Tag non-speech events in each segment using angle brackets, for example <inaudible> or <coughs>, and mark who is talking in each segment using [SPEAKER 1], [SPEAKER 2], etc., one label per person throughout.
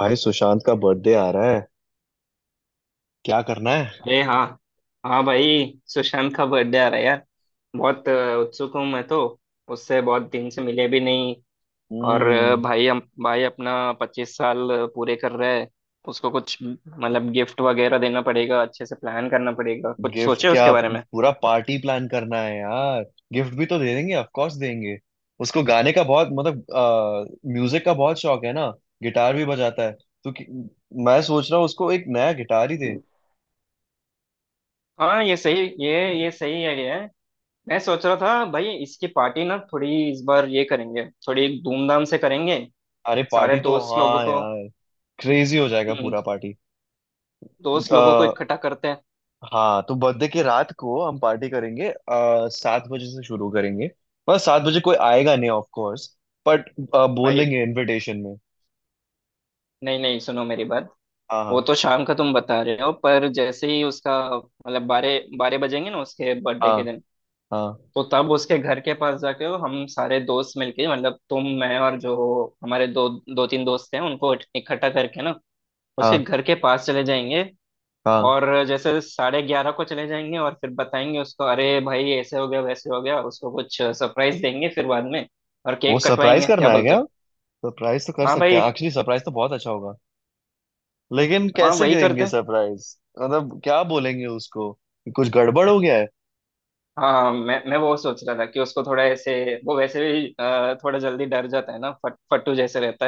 [SPEAKER 1] भाई सुशांत का बर्थडे आ रहा है। क्या करना है।
[SPEAKER 2] अरे हाँ। हाँ भाई, सुशांत का बर्थडे आ रहा है यार। बहुत उत्सुक हूँ मैं तो। उससे बहुत दिन से मिले भी नहीं। और
[SPEAKER 1] हम्म।
[SPEAKER 2] भाई हम भाई अपना 25 साल पूरे कर रहा है। उसको कुछ मतलब गिफ्ट वगैरह देना पड़ेगा, अच्छे से प्लान करना पड़ेगा, कुछ
[SPEAKER 1] गिफ्ट
[SPEAKER 2] सोचे
[SPEAKER 1] क्या
[SPEAKER 2] उसके बारे में।
[SPEAKER 1] पूरा पार्टी प्लान करना है यार। गिफ्ट भी तो दे देंगे ऑफ कोर्स देंगे। उसको गाने का बहुत मतलब म्यूजिक का बहुत शौक है ना। गिटार भी बजाता है। तो कि, मैं सोच रहा हूँ उसको एक नया गिटार ही दे।
[SPEAKER 2] हाँ, ये सही आइडिया है। मैं सोच रहा था भाई, इसकी पार्टी ना थोड़ी इस बार ये करेंगे, थोड़ी धूमधाम से करेंगे।
[SPEAKER 1] अरे
[SPEAKER 2] सारे
[SPEAKER 1] पार्टी तो
[SPEAKER 2] दोस्त लोगों
[SPEAKER 1] हाँ
[SPEAKER 2] को।
[SPEAKER 1] यार। क्रेजी हो जाएगा
[SPEAKER 2] हम्म।
[SPEAKER 1] पूरा पार्टी।
[SPEAKER 2] दोस्त लोगों को इकट्ठा करते हैं।
[SPEAKER 1] हाँ तो बर्थडे की रात को हम पार्टी करेंगे, 7 बजे से शुरू करेंगे मतलब 7 बजे कोई आएगा नहीं ऑफ कोर्स। बट बोल
[SPEAKER 2] भाई,
[SPEAKER 1] देंगे इनविटेशन में।
[SPEAKER 2] नहीं नहीं, सुनो मेरी बात। वो
[SPEAKER 1] हाँ
[SPEAKER 2] तो शाम का तुम बता रहे हो, पर जैसे ही उसका मतलब बारह बारह बजेंगे ना उसके बर्थडे
[SPEAKER 1] हाँ
[SPEAKER 2] के दिन,
[SPEAKER 1] हाँ हाँ
[SPEAKER 2] तो तब उसके घर के पास जाके हो, हम सारे दोस्त मिलके, मतलब तुम, मैं और जो हमारे दो दो तीन दोस्त हैं उनको इकट्ठा करके ना उसके
[SPEAKER 1] हाँ
[SPEAKER 2] घर के पास चले जाएंगे।
[SPEAKER 1] हाँ।
[SPEAKER 2] और जैसे 11:30 को चले जाएंगे और फिर बताएंगे उसको अरे भाई ऐसे हो गया वैसे हो गया, उसको कुछ सरप्राइज देंगे फिर बाद में और
[SPEAKER 1] वो
[SPEAKER 2] केक
[SPEAKER 1] सरप्राइज
[SPEAKER 2] कटवाएंगे, क्या
[SPEAKER 1] करना है
[SPEAKER 2] बोलते
[SPEAKER 1] क्या।
[SPEAKER 2] हो?
[SPEAKER 1] सरप्राइज तो कर
[SPEAKER 2] हाँ
[SPEAKER 1] सकते हैं
[SPEAKER 2] भाई।
[SPEAKER 1] एक्चुअली, सरप्राइज तो बहुत अच्छा होगा। लेकिन
[SPEAKER 2] हाँ,
[SPEAKER 1] कैसे
[SPEAKER 2] वही करते
[SPEAKER 1] करेंगे
[SPEAKER 2] हैं।
[SPEAKER 1] सरप्राइज। मतलब क्या बोलेंगे उसको कि कुछ गड़बड़ हो गया है।
[SPEAKER 2] हाँ, मैं वो सोच रहा था कि उसको थोड़ा ऐसे। वो वैसे भी थोड़ा जल्दी डर जाता है ना, फट फट्टू जैसे रहता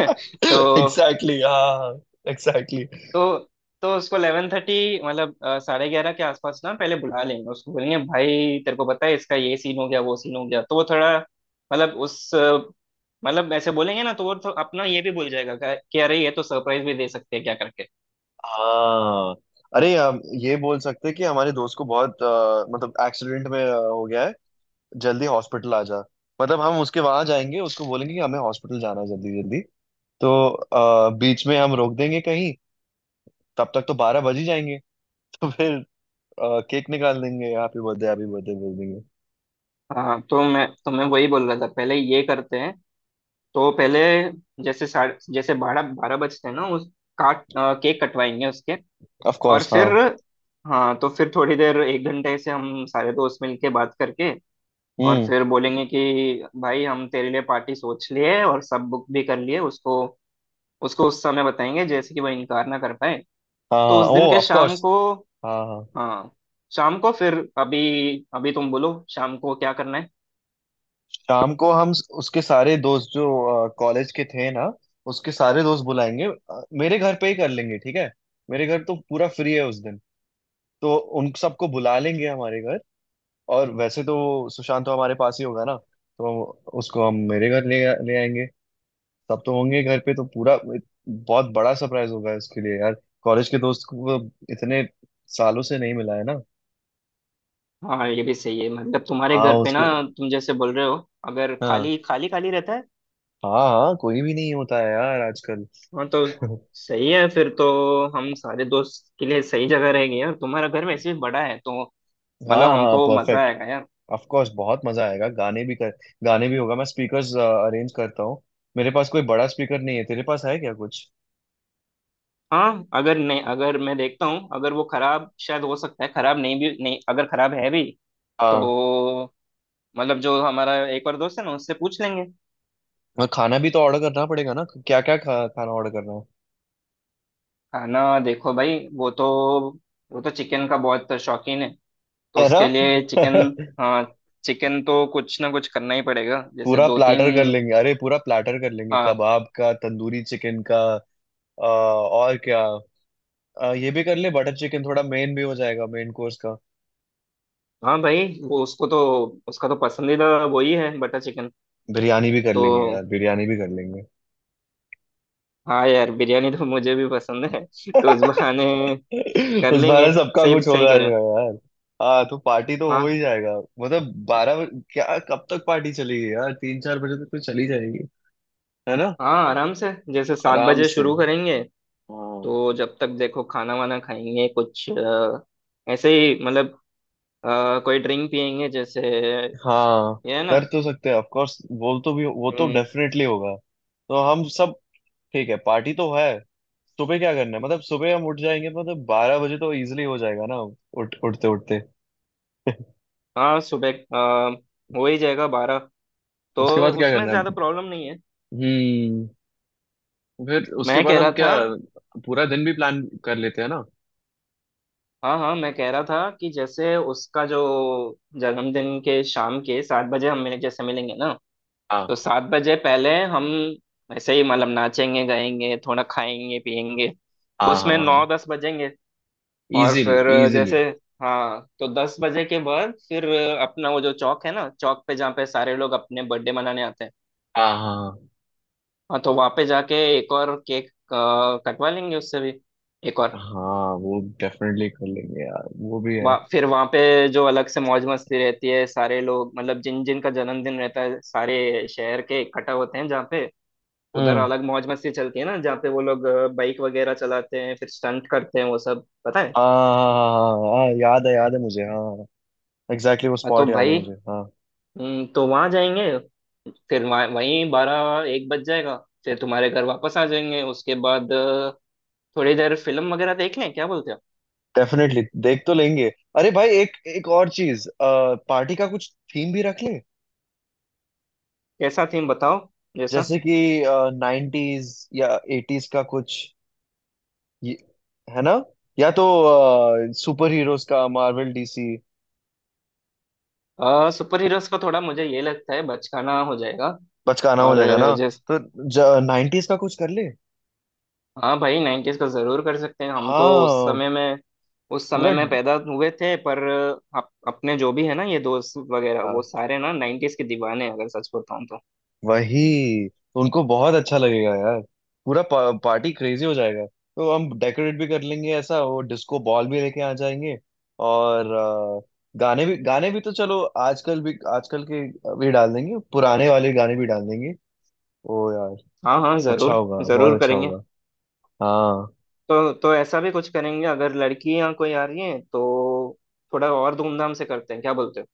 [SPEAKER 2] है।
[SPEAKER 1] <coughs> <laughs>
[SPEAKER 2] <laughs> तो।
[SPEAKER 1] एग्जैक्टली, हाँ। एग्जैक्टली.
[SPEAKER 2] तो उसको 11:30, मतलब 11:30 के आसपास ना पहले बुला लेंगे। उसको बोलेंगे भाई तेरे को पता है इसका ये सीन हो गया वो सीन हो गया, तो वो थोड़ा मतलब मतलब ऐसे बोलेंगे ना तो वो तो अपना ये भी भूल जाएगा कि अरे ये तो सरप्राइज भी दे सकते हैं, क्या करके।
[SPEAKER 1] हाँ। अरे हम ये बोल सकते हैं कि हमारे दोस्त को मतलब एक्सीडेंट में हो गया है। जल्दी हॉस्पिटल आ जा। मतलब हम उसके वहां जाएंगे, उसको बोलेंगे कि हमें हॉस्पिटल जाना है जल्दी जल्दी। तो बीच में हम रोक देंगे कहीं। तब तक तो 12 बज ही जाएंगे। <laughs> तो फिर केक निकाल देंगे, हैप्पी बर्थडे बोल देंगे।
[SPEAKER 2] हाँ, तो मैं वही बोल रहा था, पहले ये करते हैं। तो पहले, जैसे बारह बारह बजते हैं ना उस, केक कटवाएंगे उसके।
[SPEAKER 1] ऑफ
[SPEAKER 2] और
[SPEAKER 1] कोर्स
[SPEAKER 2] फिर।
[SPEAKER 1] हाँ।
[SPEAKER 2] हाँ, तो फिर थोड़ी देर 1 घंटे से हम सारे दोस्त मिलके बात करके और
[SPEAKER 1] हम्म।
[SPEAKER 2] फिर बोलेंगे कि भाई हम तेरे लिए पार्टी सोच लिए और सब बुक भी कर लिए। उसको उसको उस समय बताएंगे जैसे कि वो इनकार ना कर पाए।
[SPEAKER 1] हाँ
[SPEAKER 2] तो
[SPEAKER 1] हाँ
[SPEAKER 2] उस दिन
[SPEAKER 1] ओ
[SPEAKER 2] के
[SPEAKER 1] ऑफ
[SPEAKER 2] शाम
[SPEAKER 1] कोर्स।
[SPEAKER 2] को।
[SPEAKER 1] हाँ हाँ
[SPEAKER 2] हाँ। शाम को फिर अभी, अभी तुम बोलो शाम को क्या करना है।
[SPEAKER 1] शाम को उसके सारे दोस्त जो कॉलेज के थे ना, उसके सारे दोस्त बुलाएंगे, मेरे घर पे ही कर लेंगे ठीक है। मेरे घर तो पूरा फ्री है उस दिन। तो उन सबको बुला लेंगे हमारे घर। और वैसे तो सुशांत तो हमारे पास ही होगा ना। तो उसको हम मेरे घर ले ले आएंगे। सब तो होंगे घर पे तो पूरा बहुत बड़ा सरप्राइज होगा उसके लिए यार। कॉलेज के दोस्त को वो इतने सालों से नहीं मिला है ना।
[SPEAKER 2] हाँ, ये भी सही है, मतलब तुम्हारे
[SPEAKER 1] हाँ
[SPEAKER 2] घर पे ना,
[SPEAKER 1] उसको।
[SPEAKER 2] तुम जैसे बोल रहे हो, अगर
[SPEAKER 1] हाँ
[SPEAKER 2] खाली खाली खाली रहता है।
[SPEAKER 1] हाँ हाँ कोई भी नहीं होता है यार आजकल।
[SPEAKER 2] हाँ, तो
[SPEAKER 1] <laughs>
[SPEAKER 2] सही है फिर तो। हम सारे दोस्त के लिए सही जगह रहेंगे यार, तुम्हारा घर वैसे भी बड़ा है, तो
[SPEAKER 1] हाँ
[SPEAKER 2] मतलब
[SPEAKER 1] हाँ
[SPEAKER 2] हमको मजा
[SPEAKER 1] परफेक्ट।
[SPEAKER 2] आएगा यार।
[SPEAKER 1] ऑफ कोर्स बहुत मजा आएगा गाने भी कर, गाने भी होगा। मैं स्पीकर्स अरेंज करता हूँ। मेरे पास कोई बड़ा स्पीकर नहीं है, तेरे पास है क्या कुछ।
[SPEAKER 2] हाँ, अगर नहीं, अगर मैं देखता हूँ, अगर वो खराब शायद हो सकता है, खराब नहीं, भी नहीं, अगर खराब है भी,
[SPEAKER 1] हाँ।
[SPEAKER 2] तो मतलब जो हमारा एक और दोस्त है ना उससे पूछ लेंगे।
[SPEAKER 1] और खाना भी तो ऑर्डर करना पड़ेगा ना, क्या क्या खाना ऑर्डर करना है।
[SPEAKER 2] खाना देखो भाई, वो तो चिकन का बहुत शौकीन है, तो
[SPEAKER 1] है ना।
[SPEAKER 2] उसके लिए चिकन।
[SPEAKER 1] <laughs>
[SPEAKER 2] हाँ, चिकन तो कुछ ना कुछ करना ही पड़ेगा जैसे
[SPEAKER 1] पूरा
[SPEAKER 2] दो
[SPEAKER 1] प्लाटर कर
[SPEAKER 2] तीन।
[SPEAKER 1] लेंगे, अरे पूरा प्लाटर कर लेंगे
[SPEAKER 2] हाँ।
[SPEAKER 1] कबाब का तंदूरी चिकन का। और क्या। ये भी कर ले बटर चिकन, थोड़ा मेन भी हो जाएगा मेन कोर्स का।
[SPEAKER 2] हाँ भाई, वो उसको तो उसका तो पसंदीदा वही है, बटर चिकन।
[SPEAKER 1] बिरयानी भी कर
[SPEAKER 2] तो
[SPEAKER 1] लेंगे यार, बिरयानी भी कर लेंगे।
[SPEAKER 2] हाँ यार, बिरयानी तो मुझे भी पसंद है, तो उस बहाने
[SPEAKER 1] <laughs>
[SPEAKER 2] कर
[SPEAKER 1] उस
[SPEAKER 2] लेंगे।
[SPEAKER 1] बार सबका
[SPEAKER 2] सही
[SPEAKER 1] कुछ
[SPEAKER 2] सही
[SPEAKER 1] होगा
[SPEAKER 2] कह रहे हो।
[SPEAKER 1] यार। हाँ तो पार्टी तो हो ही
[SPEAKER 2] हाँ
[SPEAKER 1] जाएगा मतलब 12। क्या कब तक पार्टी चलेगी यार, 3-4 बजे तक तो चली जाएगी। है ना।
[SPEAKER 2] हाँ, आराम से जैसे सात
[SPEAKER 1] आराम
[SPEAKER 2] बजे
[SPEAKER 1] से।
[SPEAKER 2] शुरू करेंगे।
[SPEAKER 1] हाँ
[SPEAKER 2] तो जब तक देखो खाना वाना खाएंगे कुछ ऐसे ही, मतलब कोई ड्रिंक पियेंगे जैसे ये।
[SPEAKER 1] हाँ
[SPEAKER 2] है ना।
[SPEAKER 1] कर तो सकते हैं ऑफ कोर्स, वो तो भी वो तो
[SPEAKER 2] हम्म।
[SPEAKER 1] डेफिनेटली होगा। तो हम सब। ठीक है, पार्टी तो है। सुबह क्या करना है, मतलब सुबह हम उठ जाएंगे तो मतलब 12 बजे तो इजीली हो जाएगा ना। उठ उठते उठते। <laughs>
[SPEAKER 2] हाँ, सुबह हो ही जाएगा बारह, तो
[SPEAKER 1] उसके बाद क्या
[SPEAKER 2] उसमें
[SPEAKER 1] करना
[SPEAKER 2] ज्यादा
[SPEAKER 1] है।
[SPEAKER 2] प्रॉब्लम नहीं है।
[SPEAKER 1] हम्म। फिर उसके
[SPEAKER 2] मैं
[SPEAKER 1] बाद
[SPEAKER 2] कह
[SPEAKER 1] हम
[SPEAKER 2] रहा
[SPEAKER 1] क्या
[SPEAKER 2] था।
[SPEAKER 1] पूरा दिन भी प्लान कर लेते हैं ना।
[SPEAKER 2] हाँ हाँ, मैं कह रहा था कि जैसे उसका जो जन्मदिन के शाम के 7 बजे हम मिले, जैसे मिलेंगे ना,
[SPEAKER 1] हाँ
[SPEAKER 2] तो 7 बजे पहले हम ऐसे ही मतलब नाचेंगे गाएंगे थोड़ा खाएंगे पिएंगे,
[SPEAKER 1] हाँ हाँ
[SPEAKER 2] उसमें
[SPEAKER 1] हाँ।
[SPEAKER 2] 9-10 बजेंगे। और
[SPEAKER 1] इजीली
[SPEAKER 2] फिर
[SPEAKER 1] इजीली।
[SPEAKER 2] जैसे। हाँ, तो 10 बजे के बाद फिर अपना वो जो चौक है ना, चौक पे जहाँ पे सारे लोग अपने बर्थडे मनाने आते हैं।
[SPEAKER 1] हाँ हाँ
[SPEAKER 2] हाँ, तो वहाँ पे जाके एक और केक कटवा लेंगे उससे भी, एक
[SPEAKER 1] हाँ
[SPEAKER 2] और।
[SPEAKER 1] हाँ, वो डेफिनेटली कर लेंगे यार वो भी है।
[SPEAKER 2] वहाँ फिर वहाँ पे जो अलग से मौज मस्ती रहती है, सारे लोग मतलब जिन जिन का जन्मदिन रहता है सारे शहर के इकट्ठा होते हैं जहाँ पे, उधर
[SPEAKER 1] हम्म।
[SPEAKER 2] अलग मौज मस्ती चलती है ना जहाँ पे वो लोग बाइक वगैरह चलाते हैं, फिर स्टंट करते हैं, वो सब पता है।
[SPEAKER 1] हाँ हाँ हाँ हाँ हाँ, हाँ, हाँ, हाँ, याद है मुझे हाँ हाँ। एग्जैक्टली वो
[SPEAKER 2] हाँ, तो
[SPEAKER 1] स्पॉट याद है
[SPEAKER 2] भाई।
[SPEAKER 1] मुझे हाँ।
[SPEAKER 2] तो वहाँ जाएंगे, फिर वहाँ वहीं 12-1 बज जाएगा, फिर तुम्हारे घर वापस आ जाएंगे। उसके बाद थोड़ी देर फिल्म वगैरह देख लें, क्या बोलते हो?
[SPEAKER 1] डेफिनेटली। देख तो लेंगे। अरे भाई एक एक और चीज, पार्टी का कुछ थीम भी रख ले।
[SPEAKER 2] कैसा थीम बताओ, जैसा।
[SPEAKER 1] जैसे कि 90s या 80s का कुछ ये- है ना। या तो सुपर हीरोज का, मार्वल डीसी।
[SPEAKER 2] सुपर हीरोज का थोड़ा मुझे ये लगता है बचकाना हो जाएगा।
[SPEAKER 1] बचकाना हो
[SPEAKER 2] और
[SPEAKER 1] जाएगा ना।
[SPEAKER 2] जैस
[SPEAKER 1] तो 90s का कुछ कर ले।
[SPEAKER 2] हाँ भाई, नाइन्टीज का जरूर कर सकते हैं हम तो।
[SPEAKER 1] हाँ
[SPEAKER 2] उस
[SPEAKER 1] पूरा।
[SPEAKER 2] समय में पैदा हुए थे, पर अपने जो भी है ना ये दोस्त वगैरह वो
[SPEAKER 1] हाँ।
[SPEAKER 2] सारे ना नाइन्टीज के दीवाने हैं, अगर सच बताऊं तो।
[SPEAKER 1] वही तो उनको बहुत अच्छा लगेगा यार। पूरा पार्टी क्रेजी हो जाएगा। तो हम डेकोरेट भी कर लेंगे, ऐसा वो डिस्को बॉल भी लेके आ जाएंगे। और गाने भी तो चलो आजकल भी, आजकल के भी डाल देंगे, पुराने वाले गाने भी डाल देंगे। ओ यार,
[SPEAKER 2] हाँ हाँ,
[SPEAKER 1] अच्छा
[SPEAKER 2] जरूर
[SPEAKER 1] होगा बहुत
[SPEAKER 2] जरूर
[SPEAKER 1] अच्छा
[SPEAKER 2] करेंगे।
[SPEAKER 1] होगा। हाँ।
[SPEAKER 2] तो ऐसा भी कुछ करेंगे, अगर लड़कियां कोई आ रही हैं तो थोड़ा और धूमधाम से करते हैं, क्या बोलते हो?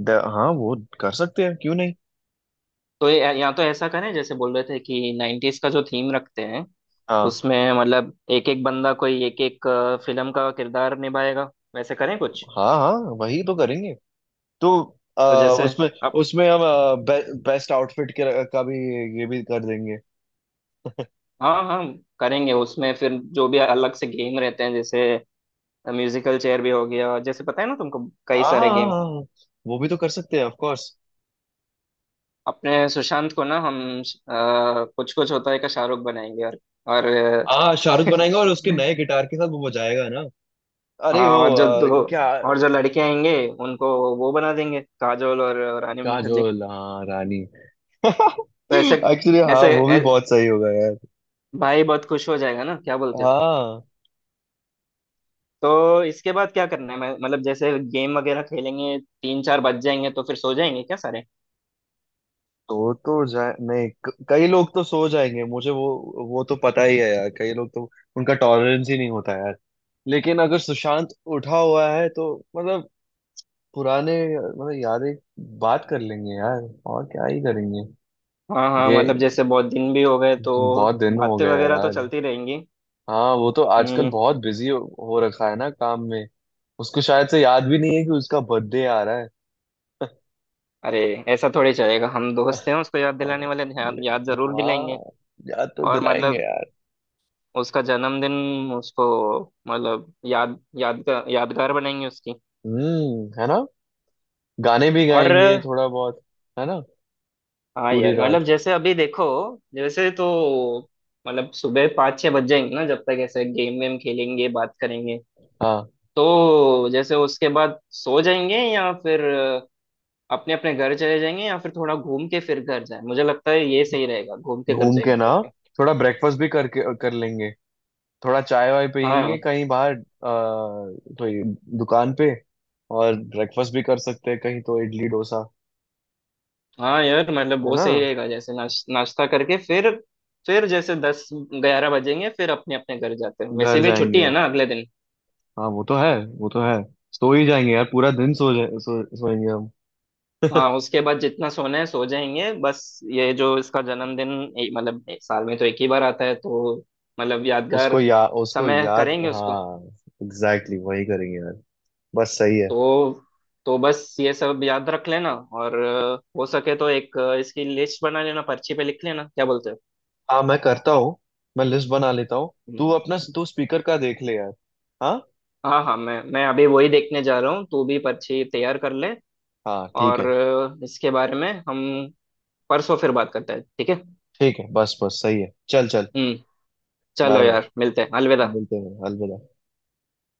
[SPEAKER 1] हाँ वो कर सकते हैं क्यों नहीं।
[SPEAKER 2] तो या तो ऐसा करें जैसे बोल रहे थे कि नाइन्टीज का जो थीम रखते हैं
[SPEAKER 1] हाँ
[SPEAKER 2] उसमें मतलब एक एक बंदा कोई एक एक फिल्म का किरदार निभाएगा, वैसे करें कुछ।
[SPEAKER 1] हाँ हाँ वही तो करेंगे। तो अ,
[SPEAKER 2] तो जैसे
[SPEAKER 1] उसमें,
[SPEAKER 2] अब।
[SPEAKER 1] उसमें हम बेस्ट आउटफिट के का भी ये भी कर देंगे।
[SPEAKER 2] हाँ हाँ, करेंगे उसमें फिर जो भी अलग से गेम रहते हैं जैसे म्यूजिकल चेयर भी हो गया, जैसे पता है ना तुमको, कई सारे गेम।
[SPEAKER 1] आ वो भी तो कर सकते हैं ऑफ कोर्स।
[SPEAKER 2] अपने सुशांत को ना हम कुछ कुछ होता है का शाहरुख बनाएंगे और
[SPEAKER 1] आ, शाहरुख बनाएगा और उसके
[SPEAKER 2] <laughs>
[SPEAKER 1] नए गिटार के साथ वो बजाएगा ना। अरे
[SPEAKER 2] हाँ,
[SPEAKER 1] वो
[SPEAKER 2] और जो दो
[SPEAKER 1] क्या।
[SPEAKER 2] और जो लड़के आएंगे उनको वो बना देंगे काजोल और रानी मुखर्जी।
[SPEAKER 1] काजोल हाँ रानी <laughs>
[SPEAKER 2] तो ऐसे
[SPEAKER 1] एक्चुअली हाँ
[SPEAKER 2] ऐसे
[SPEAKER 1] वो भी
[SPEAKER 2] ऐ-
[SPEAKER 1] बहुत सही होगा यार।
[SPEAKER 2] भाई बहुत खुश हो जाएगा ना, क्या बोलते हो?
[SPEAKER 1] हाँ।
[SPEAKER 2] तो इसके बाद क्या करना है, मतलब जैसे गेम वगैरह खेलेंगे 3-4 बज जाएंगे, तो फिर सो जाएंगे क्या सारे?
[SPEAKER 1] तो जाए नहीं कई लोग तो सो जाएंगे मुझे वो तो पता ही है यार, कई लोग तो उनका टॉलरेंस ही नहीं होता यार। लेकिन अगर सुशांत उठा हुआ है तो मतलब पुराने मतलब यादें बात कर लेंगे यार। और क्या ही करेंगे
[SPEAKER 2] हाँ हाँ,
[SPEAKER 1] ये।
[SPEAKER 2] मतलब जैसे बहुत दिन भी हो गए, तो
[SPEAKER 1] जी, बहुत दिन हो
[SPEAKER 2] बातें
[SPEAKER 1] गया
[SPEAKER 2] वगैरह तो
[SPEAKER 1] यार।
[SPEAKER 2] चलती रहेंगी।
[SPEAKER 1] हाँ वो तो आजकल
[SPEAKER 2] हम्म।
[SPEAKER 1] बहुत बिजी हो रखा है ना काम में। उसको शायद से याद भी नहीं है कि उसका बर्थडे आ रहा है।
[SPEAKER 2] अरे, ऐसा थोड़ी चलेगा, हम दोस्त हैं उसको याद
[SPEAKER 1] हाँ
[SPEAKER 2] दिलाने वाले, याद जरूर दिलाएंगे।
[SPEAKER 1] हाँ, याद तो
[SPEAKER 2] और
[SPEAKER 1] दिलाएंगे
[SPEAKER 2] मतलब
[SPEAKER 1] यार।
[SPEAKER 2] उसका जन्मदिन उसको मतलब याद याद यादगार बनाएंगे उसकी।
[SPEAKER 1] है ना। गाने भी
[SPEAKER 2] और
[SPEAKER 1] गाएंगे थोड़ा बहुत। है ना।
[SPEAKER 2] हाँ
[SPEAKER 1] पूरी
[SPEAKER 2] यार, मतलब
[SPEAKER 1] रात।
[SPEAKER 2] जैसे अभी देखो जैसे तो, मतलब सुबह 5-6 बज जाएंगे ना जब तक ऐसे गेम वेम खेलेंगे, बात करेंगे,
[SPEAKER 1] हाँ।
[SPEAKER 2] तो जैसे उसके बाद सो जाएंगे या फिर अपने अपने घर चले जाएंगे, या फिर थोड़ा घूम के फिर घर जाए, मुझे लगता है ये सही रहेगा, घूम के घर
[SPEAKER 1] घूम के
[SPEAKER 2] जाएंगे
[SPEAKER 1] ना,
[SPEAKER 2] करके।
[SPEAKER 1] थोड़ा ब्रेकफास्ट भी करके कर लेंगे। थोड़ा चाय वाय पियेंगे
[SPEAKER 2] हाँ
[SPEAKER 1] कहीं बाहर, कोई दुकान पे। और ब्रेकफास्ट भी कर सकते हैं कहीं तो, इडली डोसा।
[SPEAKER 2] हाँ यार, मतलब
[SPEAKER 1] है
[SPEAKER 2] बहुत
[SPEAKER 1] ना।
[SPEAKER 2] सही रहेगा जैसे नाश्ता करके फिर जैसे 10-11 बजेंगे फिर अपने अपने घर जाते हैं, वैसे
[SPEAKER 1] घर
[SPEAKER 2] भी छुट्टी है
[SPEAKER 1] जाएंगे।
[SPEAKER 2] ना अगले दिन।
[SPEAKER 1] हाँ वो तो है वो तो है। सो ही जाएंगे यार, पूरा दिन सो जाए सोएंगे हम।
[SPEAKER 2] हाँ, उसके बाद जितना सोना है सो जाएंगे, बस ये जो इसका जन्मदिन, मतलब साल में तो एक ही बार आता है, तो मतलब यादगार
[SPEAKER 1] उसको या उसको
[SPEAKER 2] समय
[SPEAKER 1] याद।
[SPEAKER 2] करेंगे उसको।
[SPEAKER 1] हाँ एग्जैक्टली, वही करेंगे यार। बस सही है।
[SPEAKER 2] तो तो बस ये सब याद रख लेना और हो सके तो एक इसकी लिस्ट बना लेना, पर्ची पे लिख लेना, क्या बोलते हो?
[SPEAKER 1] हाँ मैं करता हूँ, मैं लिस्ट बना लेता हूँ।
[SPEAKER 2] हम्म।
[SPEAKER 1] तू अपना तू स्पीकर का देख ले यार। हाँ
[SPEAKER 2] हाँ हाँ, मैं अभी वही देखने जा रहा हूँ, तू भी पर्ची तैयार कर ले,
[SPEAKER 1] हाँ ठीक
[SPEAKER 2] और
[SPEAKER 1] है।
[SPEAKER 2] इसके बारे में हम परसों फिर बात करते हैं, ठीक है।
[SPEAKER 1] ठीक है बस बस सही है चल चल।
[SPEAKER 2] हम्म। चलो
[SPEAKER 1] बाय बाय।
[SPEAKER 2] यार, मिलते हैं, अलविदा।
[SPEAKER 1] मिलते हैं अलविदा।